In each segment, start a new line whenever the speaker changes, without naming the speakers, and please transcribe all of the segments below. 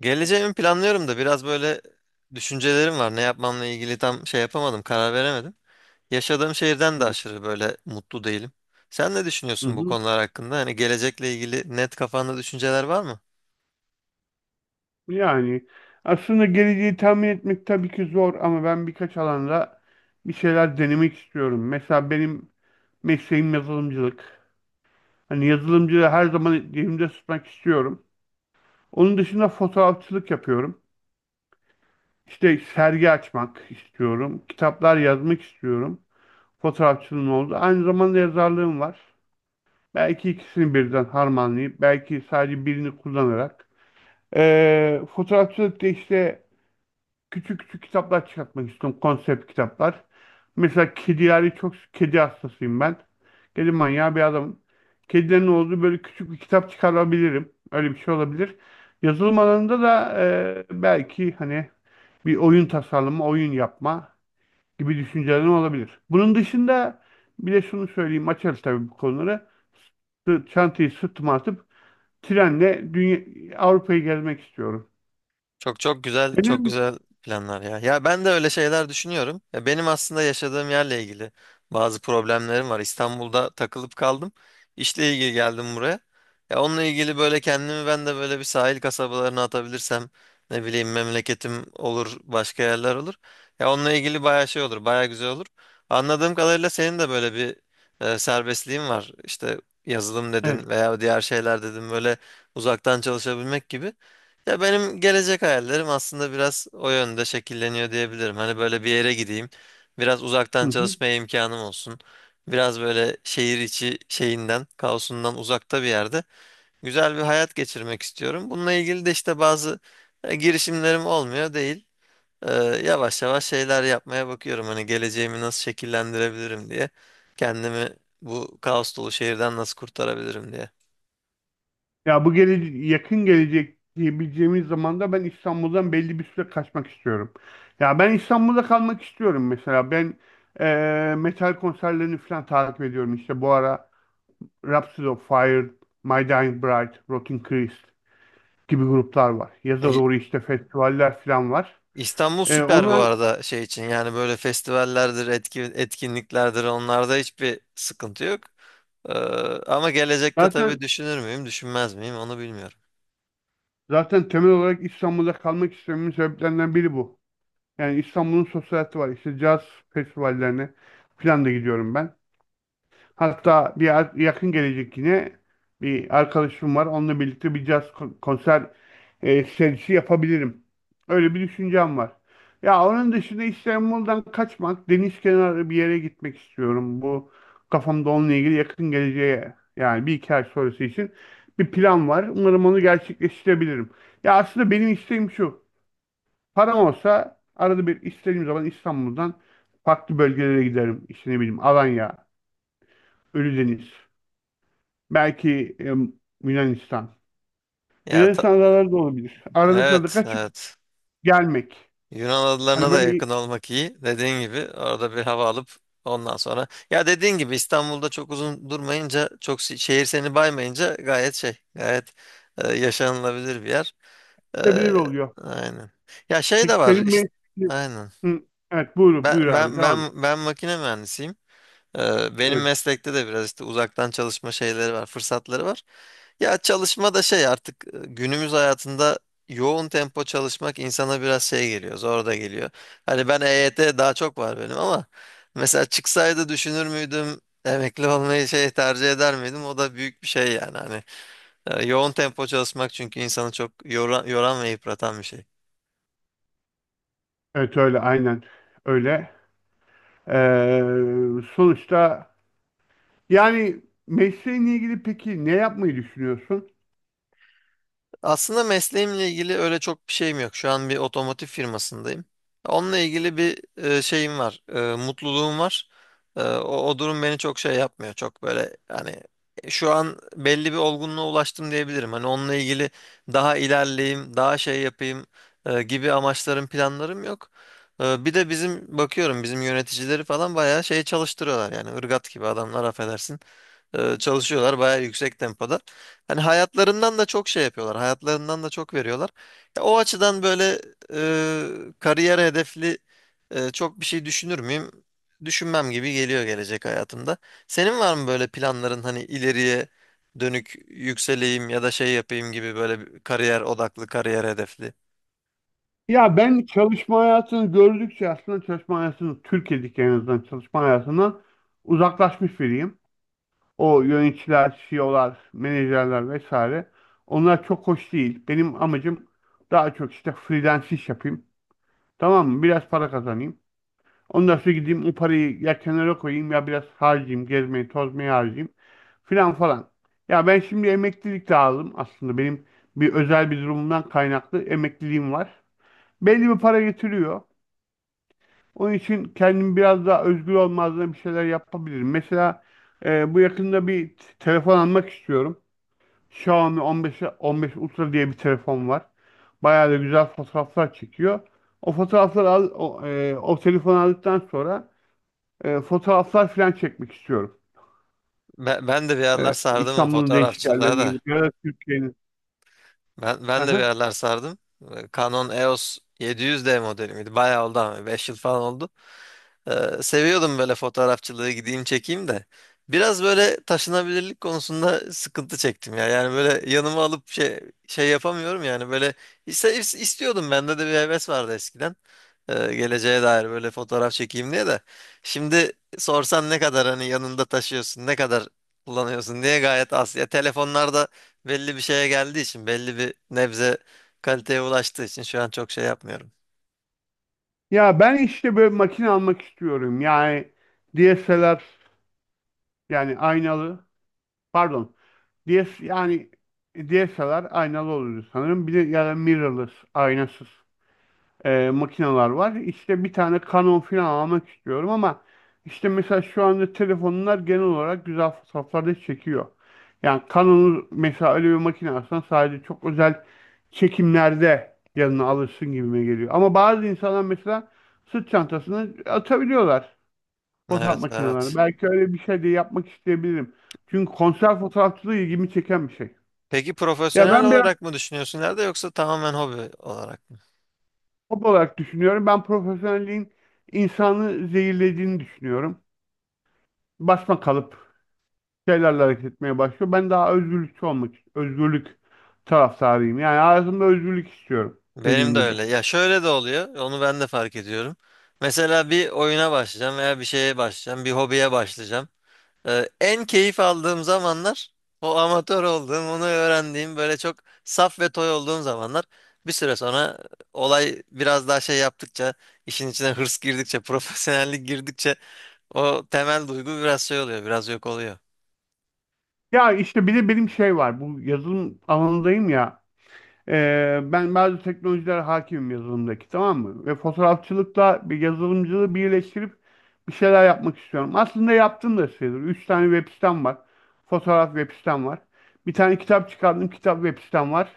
Geleceğimi planlıyorum da biraz böyle düşüncelerim var. Ne yapmamla ilgili tam şey yapamadım, karar veremedim. Yaşadığım şehirden
Hı
de aşırı böyle mutlu değilim. Sen ne düşünüyorsun bu
hı.
konular hakkında? Hani gelecekle ilgili net kafanda düşünceler var mı?
Yani aslında geleceği tahmin etmek tabii ki zor ama ben birkaç alanda bir şeyler denemek istiyorum. Mesela benim mesleğim yazılımcılık. Hani yazılımcılığı her zaman elimde tutmak istiyorum. Onun dışında fotoğrafçılık yapıyorum. İşte sergi açmak istiyorum. Kitaplar yazmak istiyorum. Fotoğrafçılığım oldu. Aynı zamanda yazarlığım var. Belki ikisini birden harmanlayıp, belki sadece birini kullanarak. Fotoğrafçılıkta işte küçük küçük kitaplar çıkartmak istiyorum. Konsept kitaplar. Mesela kedileri çok kedi hastasıyım ben. Kedi manyağı bir adamım. Kedilerin olduğu böyle küçük bir kitap çıkarabilirim. Öyle bir şey olabilir. Yazılım alanında da belki hani bir oyun tasarlama, oyun yapma gibi düşüncelerin olabilir. Bunun dışında bir de şunu söyleyeyim, açarız tabii bu konuları. Çantayı sırtıma atıp trenle dünya, Avrupa'yı gezmek istiyorum.
Çok çok güzel, çok
Senin.
güzel planlar ya. Ya ben de öyle şeyler düşünüyorum. Ya benim aslında yaşadığım yerle ilgili bazı problemlerim var. İstanbul'da takılıp kaldım. İşle ilgili geldim buraya. Ya onunla ilgili böyle kendimi ben de böyle bir sahil kasabalarına atabilirsem ne bileyim memleketim olur, başka yerler olur. Ya onunla ilgili bayağı şey olur, bayağı güzel olur. Anladığım kadarıyla senin de böyle bir serbestliğin var. İşte yazılım dedin
Evet.
veya diğer şeyler dedin böyle uzaktan çalışabilmek gibi. Ya benim gelecek hayallerim aslında biraz o yönde şekilleniyor diyebilirim. Hani böyle bir yere gideyim. Biraz
Hı
uzaktan
hı.
çalışmaya imkanım olsun. Biraz böyle şehir içi şeyinden, kaosundan uzakta bir yerde güzel bir hayat geçirmek istiyorum. Bununla ilgili de işte bazı girişimlerim olmuyor değil. Yavaş yavaş şeyler yapmaya bakıyorum. Hani geleceğimi nasıl şekillendirebilirim diye. Kendimi bu kaos dolu şehirden nasıl kurtarabilirim diye.
Ya bu yakın gelecek diyebileceğimiz zamanda ben İstanbul'dan belli bir süre kaçmak istiyorum. Ya ben İstanbul'da kalmak istiyorum mesela. Ben metal konserlerini falan takip ediyorum. İşte bu ara Rhapsody of Fire, My Dying Bride, Rotting Christ gibi gruplar var. Yaza
İ-
doğru işte festivaller falan var.
İstanbul süper bu
Onlar
arada şey için, yani böyle festivallerdir, etkinliklerdir, onlarda hiçbir sıkıntı yok. Ee, Ama gelecekte tabii
zaten
düşünür müyüm, düşünmez miyim onu bilmiyorum.
zaten temel olarak İstanbul'da kalmak istememin sebeplerinden biri bu. Yani İstanbul'un sosyal hayatı var. İşte caz festivallerine falan da gidiyorum ben. Hatta yakın gelecek yine bir arkadaşım var. Onunla birlikte bir caz konser serisi yapabilirim. Öyle bir düşüncem var. Ya onun dışında İstanbul'dan kaçmak, deniz kenarı bir yere gitmek istiyorum. Bu kafamda onunla ilgili yakın geleceğe yani bir iki ay sonrası için bir plan var. Umarım onu gerçekleştirebilirim. Ya aslında benim isteğim şu. Param olsa arada bir istediğim zaman İstanbul'dan farklı bölgelere giderim. İşte ne bileyim Alanya, Ölüdeniz. Belki Yunanistan.
Ya ta-
Yunanistan adaları da olabilir. Arada sırada
evet,
kaçıp
evet.
gelmek.
Yunan
Hani
adalarına da
böyle
yakın olmak iyi. Dediğin gibi orada bir hava alıp ondan sonra. Ya dediğin gibi İstanbul'da çok uzun durmayınca, çok şehir seni baymayınca gayet şey, gayet yaşanılabilir bir yer. E,
gidebilir oluyor.
aynen. Ya şey de
Peki
var
senin
işte.
bir...
Aynen.
Hı, evet, buyur,
Ben
buyur abi,
ben
devam et.
ben ben makine mühendisiyim. Benim
Evet.
meslekte de biraz işte uzaktan çalışma şeyleri var, fırsatları var. Ya çalışma da şey artık günümüz hayatında yoğun tempo çalışmak insana biraz şey geliyor, zor da geliyor. Hani ben EYT daha çok var benim ama mesela çıksaydı düşünür müydüm? Emekli olmayı şey tercih eder miydim? O da büyük bir şey yani hani. Yoğun tempo çalışmak, çünkü insanı çok yoran ve yıpratan bir şey.
Evet, öyle, aynen öyle. Sonuçta yani mesleğinle ilgili peki ne yapmayı düşünüyorsun?
Aslında mesleğimle ilgili öyle çok bir şeyim yok. Şu an bir otomotiv firmasındayım. Onunla ilgili bir şeyim var. Mutluluğum var. O durum beni çok şey yapmıyor. Çok böyle hani şu an belli bir olgunluğa ulaştım diyebilirim. Hani onunla ilgili daha ilerleyeyim, daha şey yapayım gibi amaçlarım, planlarım yok. Bir de bizim bakıyorum bizim yöneticileri falan bayağı şey çalıştırıyorlar, yani ırgat gibi adamlar, affedersin, çalışıyorlar bayağı yüksek tempoda. Hani hayatlarından da çok şey yapıyorlar. Hayatlarından da çok veriyorlar. Ya, o açıdan böyle kariyer hedefli çok bir şey düşünür müyüm? Düşünmem gibi geliyor gelecek hayatımda. Senin var mı böyle planların, hani ileriye dönük yükseleyim ya da şey yapayım gibi, böyle bir kariyer odaklı, kariyer hedefli?
Ya ben çalışma hayatını gördükçe aslında çalışma hayatını Türkiye'deki, en azından, çalışma hayatından uzaklaşmış biriyim. O yöneticiler, CEO'lar, menajerler vesaire. Onlar çok hoş değil. Benim amacım daha çok işte freelance iş yapayım. Tamam mı? Biraz para kazanayım. Ondan sonra gideyim o parayı ya kenara koyayım ya biraz harcayayım. Gezmeyi, tozmayı harcayayım. Filan falan. Ya ben şimdi emeklilik de aldım aslında. Benim bir özel bir durumumdan kaynaklı emekliliğim var. Belli bir para getiriyor. Onun için kendim biraz daha özgür olmazdan bir şeyler yapabilirim. Mesela bu yakında bir telefon almak istiyorum. Xiaomi 15 15 Ultra diye bir telefon var. Bayağı da güzel fotoğraflar çekiyor. O fotoğrafları al, o telefonu aldıktan sonra fotoğraflar falan çekmek istiyorum.
Ben de bir yerler sardım o
İstanbul'un değişik
fotoğrafçılığa
yerlerine
da.
gidip ya da Türkiye'nin.
Ben de bir
Aha.
yerler sardım. Canon EOS 700D modeli miydi? Bayağı oldu ama 5 yıl falan oldu. Seviyordum böyle fotoğrafçılığı, gideyim çekeyim de. Biraz böyle taşınabilirlik konusunda sıkıntı çektim ya. Yani böyle yanıma alıp şey yapamıyorum yani, böyle istiyordum, bende de bir heves vardı eskiden. Geleceğe dair böyle fotoğraf çekeyim diye de. Şimdi sorsan ne kadar hani yanında taşıyorsun, ne kadar kullanıyorsun diye, gayet az. Ya telefonlarda belli bir şeye geldiği için, belli bir nebze kaliteye ulaştığı için şu an çok şey yapmıyorum.
Ya ben işte böyle makine almak istiyorum. Yani DSLR, yani aynalı, pardon. DS yani DSLR aynalı oluyor sanırım. Bir de ya da mirrorless aynasız makineler var. İşte bir tane Canon falan almak istiyorum, ama işte mesela şu anda telefonlar genel olarak güzel fotoğraflar da çekiyor. Yani Canon'u mesela öyle bir makine alsan sadece çok özel çekimlerde yanına alırsın gibime geliyor. Ama bazı insanlar mesela sırt çantasını atabiliyorlar fotoğraf
Evet,
makinelerine.
evet.
Belki öyle bir şey de yapmak isteyebilirim. Çünkü konser fotoğrafçılığı ilgimi çeken bir şey.
Peki
Ya
profesyonel
ben biraz
olarak mı düşünüyorsun ileride, yoksa tamamen hobi olarak mı?
hobi olarak düşünüyorum. Ben profesyonelliğin insanı zehirlediğini düşünüyorum. Basma kalıp şeylerle hareket etmeye başlıyor. Ben daha özgürlükçü olmak, özgürlük taraftarıyım. Yani hayatımda özgürlük istiyorum,
Benim
dediğin
de
gibi.
öyle. Ya şöyle de oluyor. Onu ben de fark ediyorum. Mesela bir oyuna başlayacağım veya bir şeye başlayacağım, bir hobiye başlayacağım. En keyif aldığım zamanlar o amatör olduğum, onu öğrendiğim, böyle çok saf ve toy olduğum zamanlar. Bir süre sonra olay biraz daha şey yaptıkça, işin içine hırs girdikçe, profesyonellik girdikçe o temel duygu biraz şey oluyor, biraz yok oluyor.
Ya işte bir de benim şey var. Bu yazılım alanındayım ya. Ben bazı teknolojiler hakimim yazılımdaki, tamam mı? Ve fotoğrafçılıkla bir yazılımcılığı birleştirip bir şeyler yapmak istiyorum. Aslında yaptım da sayılır. Üç tane web sitem var. Fotoğraf web sitem var. Bir tane kitap çıkardım. Kitap web sitem var.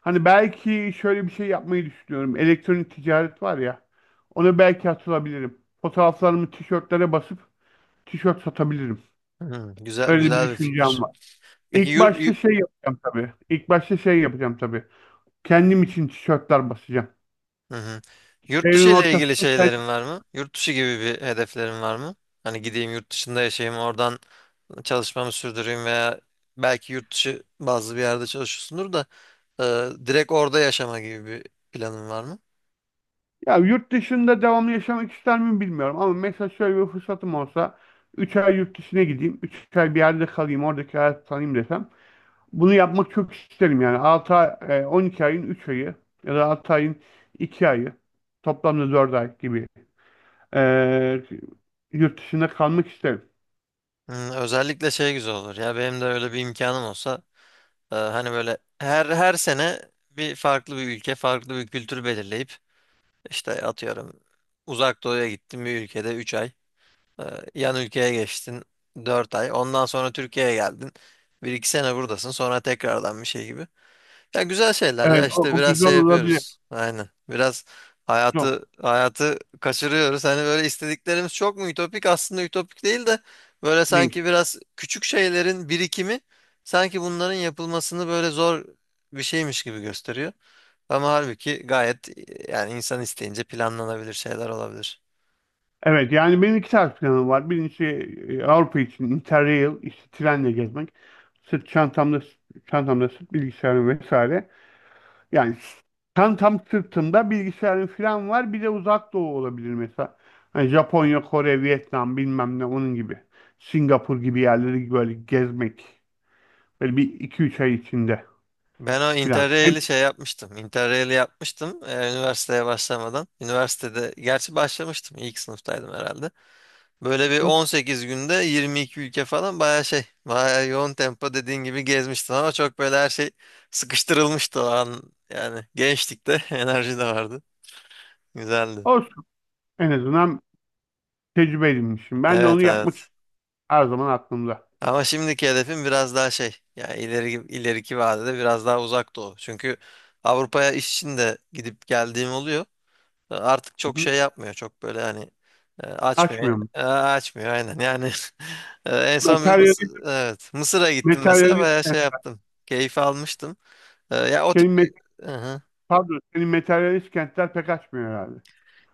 Hani belki şöyle bir şey yapmayı düşünüyorum. Elektronik ticaret var ya. Ona belki atılabilirim. Fotoğraflarımı tişörtlere basıp tişört satabilirim.
Hı, güzel,
Öyle bir
güzel bir
düşüncem
fikir.
var.
Peki
İlk başta şey yapacağım tabii. İlk başta şey yapacağım tabii. Kendim için tişörtler basacağım.
hı hı. Yurt
Evin
dışı ile ilgili
ortasında kendim.
şeylerin var mı? Yurt dışı gibi bir hedeflerin var mı? Hani gideyim yurt dışında yaşayayım, oradan çalışmamı sürdüreyim, veya belki yurt dışı bazı bir yerde çalışıyorsundur da, direkt orada yaşama gibi bir planın var mı?
Ya yurt dışında devamlı yaşamak ister miyim bilmiyorum. Ama mesela şöyle bir fırsatım olsa 3 ay yurt dışına gideyim. Üç ay bir yerde kalayım. Oradaki hayatı tanıyayım desem. Bunu yapmak çok isterim yani. 6 ay, 12 ayın 3 ayı ya da 6 ayın 2 ayı, toplamda 4 ay gibi e, yurt dışında kalmak isterim.
Hmm, özellikle şey güzel olur. Ya benim de öyle bir imkanım olsa, hani böyle her sene bir farklı bir ülke, farklı bir kültür belirleyip, işte atıyorum Uzak Doğu'ya gittin, bir ülkede 3 ay, e, yan ülkeye geçtin 4 ay. Ondan sonra Türkiye'ye geldin. Bir iki sene buradasın. Sonra tekrardan bir şey gibi. Ya güzel şeyler,
Evet,
ya
o,
işte
o
biraz
güzel
şey
olabilir.
yapıyoruz. Aynen. Biraz
Güzel
hayatı hayatı kaçırıyoruz. Hani böyle istediklerimiz çok mu ütopik? Aslında ütopik değil de, böyle
değil.
sanki biraz küçük şeylerin birikimi sanki bunların yapılmasını böyle zor bir şeymiş gibi gösteriyor. Ama halbuki gayet, yani insan isteyince planlanabilir şeyler olabilir.
Evet yani benim iki tarz planım var. Birincisi Avrupa için Interrail, işte trenle gezmek. Sırt çantamda sırt bilgisayarım vesaire. Yani tam sırtımda bilgisayarın falan var. Bir de uzak doğu olabilir mesela. Hani Japonya, Kore, Vietnam bilmem ne onun gibi. Singapur gibi yerleri böyle gezmek. Böyle bir iki üç ay içinde
Ben o
falan. Hem,
Interrail'i şey yapmıştım. Interrail'i yapmıştım üniversiteye başlamadan. Üniversitede gerçi başlamıştım. İlk sınıftaydım herhalde. Böyle
Hı
bir
hı.
18 günde 22 ülke falan, bayağı şey, bayağı yoğun tempo dediğin gibi gezmiştin, ama çok böyle her şey sıkıştırılmıştı o an. Yani gençlikte enerji de vardı. Güzeldi.
olsun en azından tecrübe edinmişim. Ben de onu
Evet,
yapmak için
evet.
her zaman aklımda.
Ama şimdiki hedefim biraz daha şey, yani ileriki vadede biraz daha uzak doğu. Çünkü Avrupa'ya iş için de gidip geldiğim oluyor. Artık
Hı
çok
hı.
şey yapmıyor. Çok böyle hani açmıyor.
Açmıyor mu?
Açmıyor, aynen. Yani en son bir Mısır,
Materyalist,
evet, Mısır'a gittim mesela,
materyalist,
bayağı şey yaptım. Keyif almıştım. Ya o
senin,
tip
met-
bir... Hı hı.
pardon, senin materyalist kentler pek açmıyor herhalde.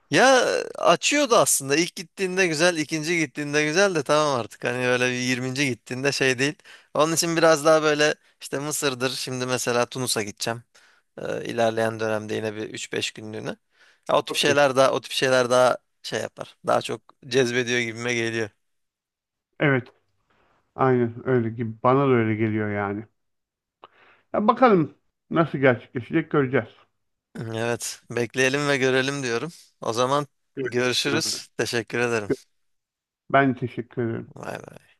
Ya açıyordu aslında. İlk gittiğinde güzel, ikinci gittiğinde güzel de, tamam artık. Hani böyle bir yirminci gittiğinde şey değil. Onun için biraz daha böyle işte Mısır'dır. Şimdi mesela Tunus'a gideceğim. İlerleyen dönemde yine bir üç beş günlüğüne. Ya, o tip
Çok iyi.
şeyler daha, o tip şeyler daha şey yapar. Daha çok cezbediyor gibime geliyor.
Evet, aynen öyle gibi. Bana da öyle geliyor yani. Ya bakalım nasıl gerçekleşecek, göreceğiz.
Evet, bekleyelim ve görelim diyorum. O zaman
Evet.
görüşürüz. Teşekkür ederim.
Ben teşekkür ederim.
Vay be.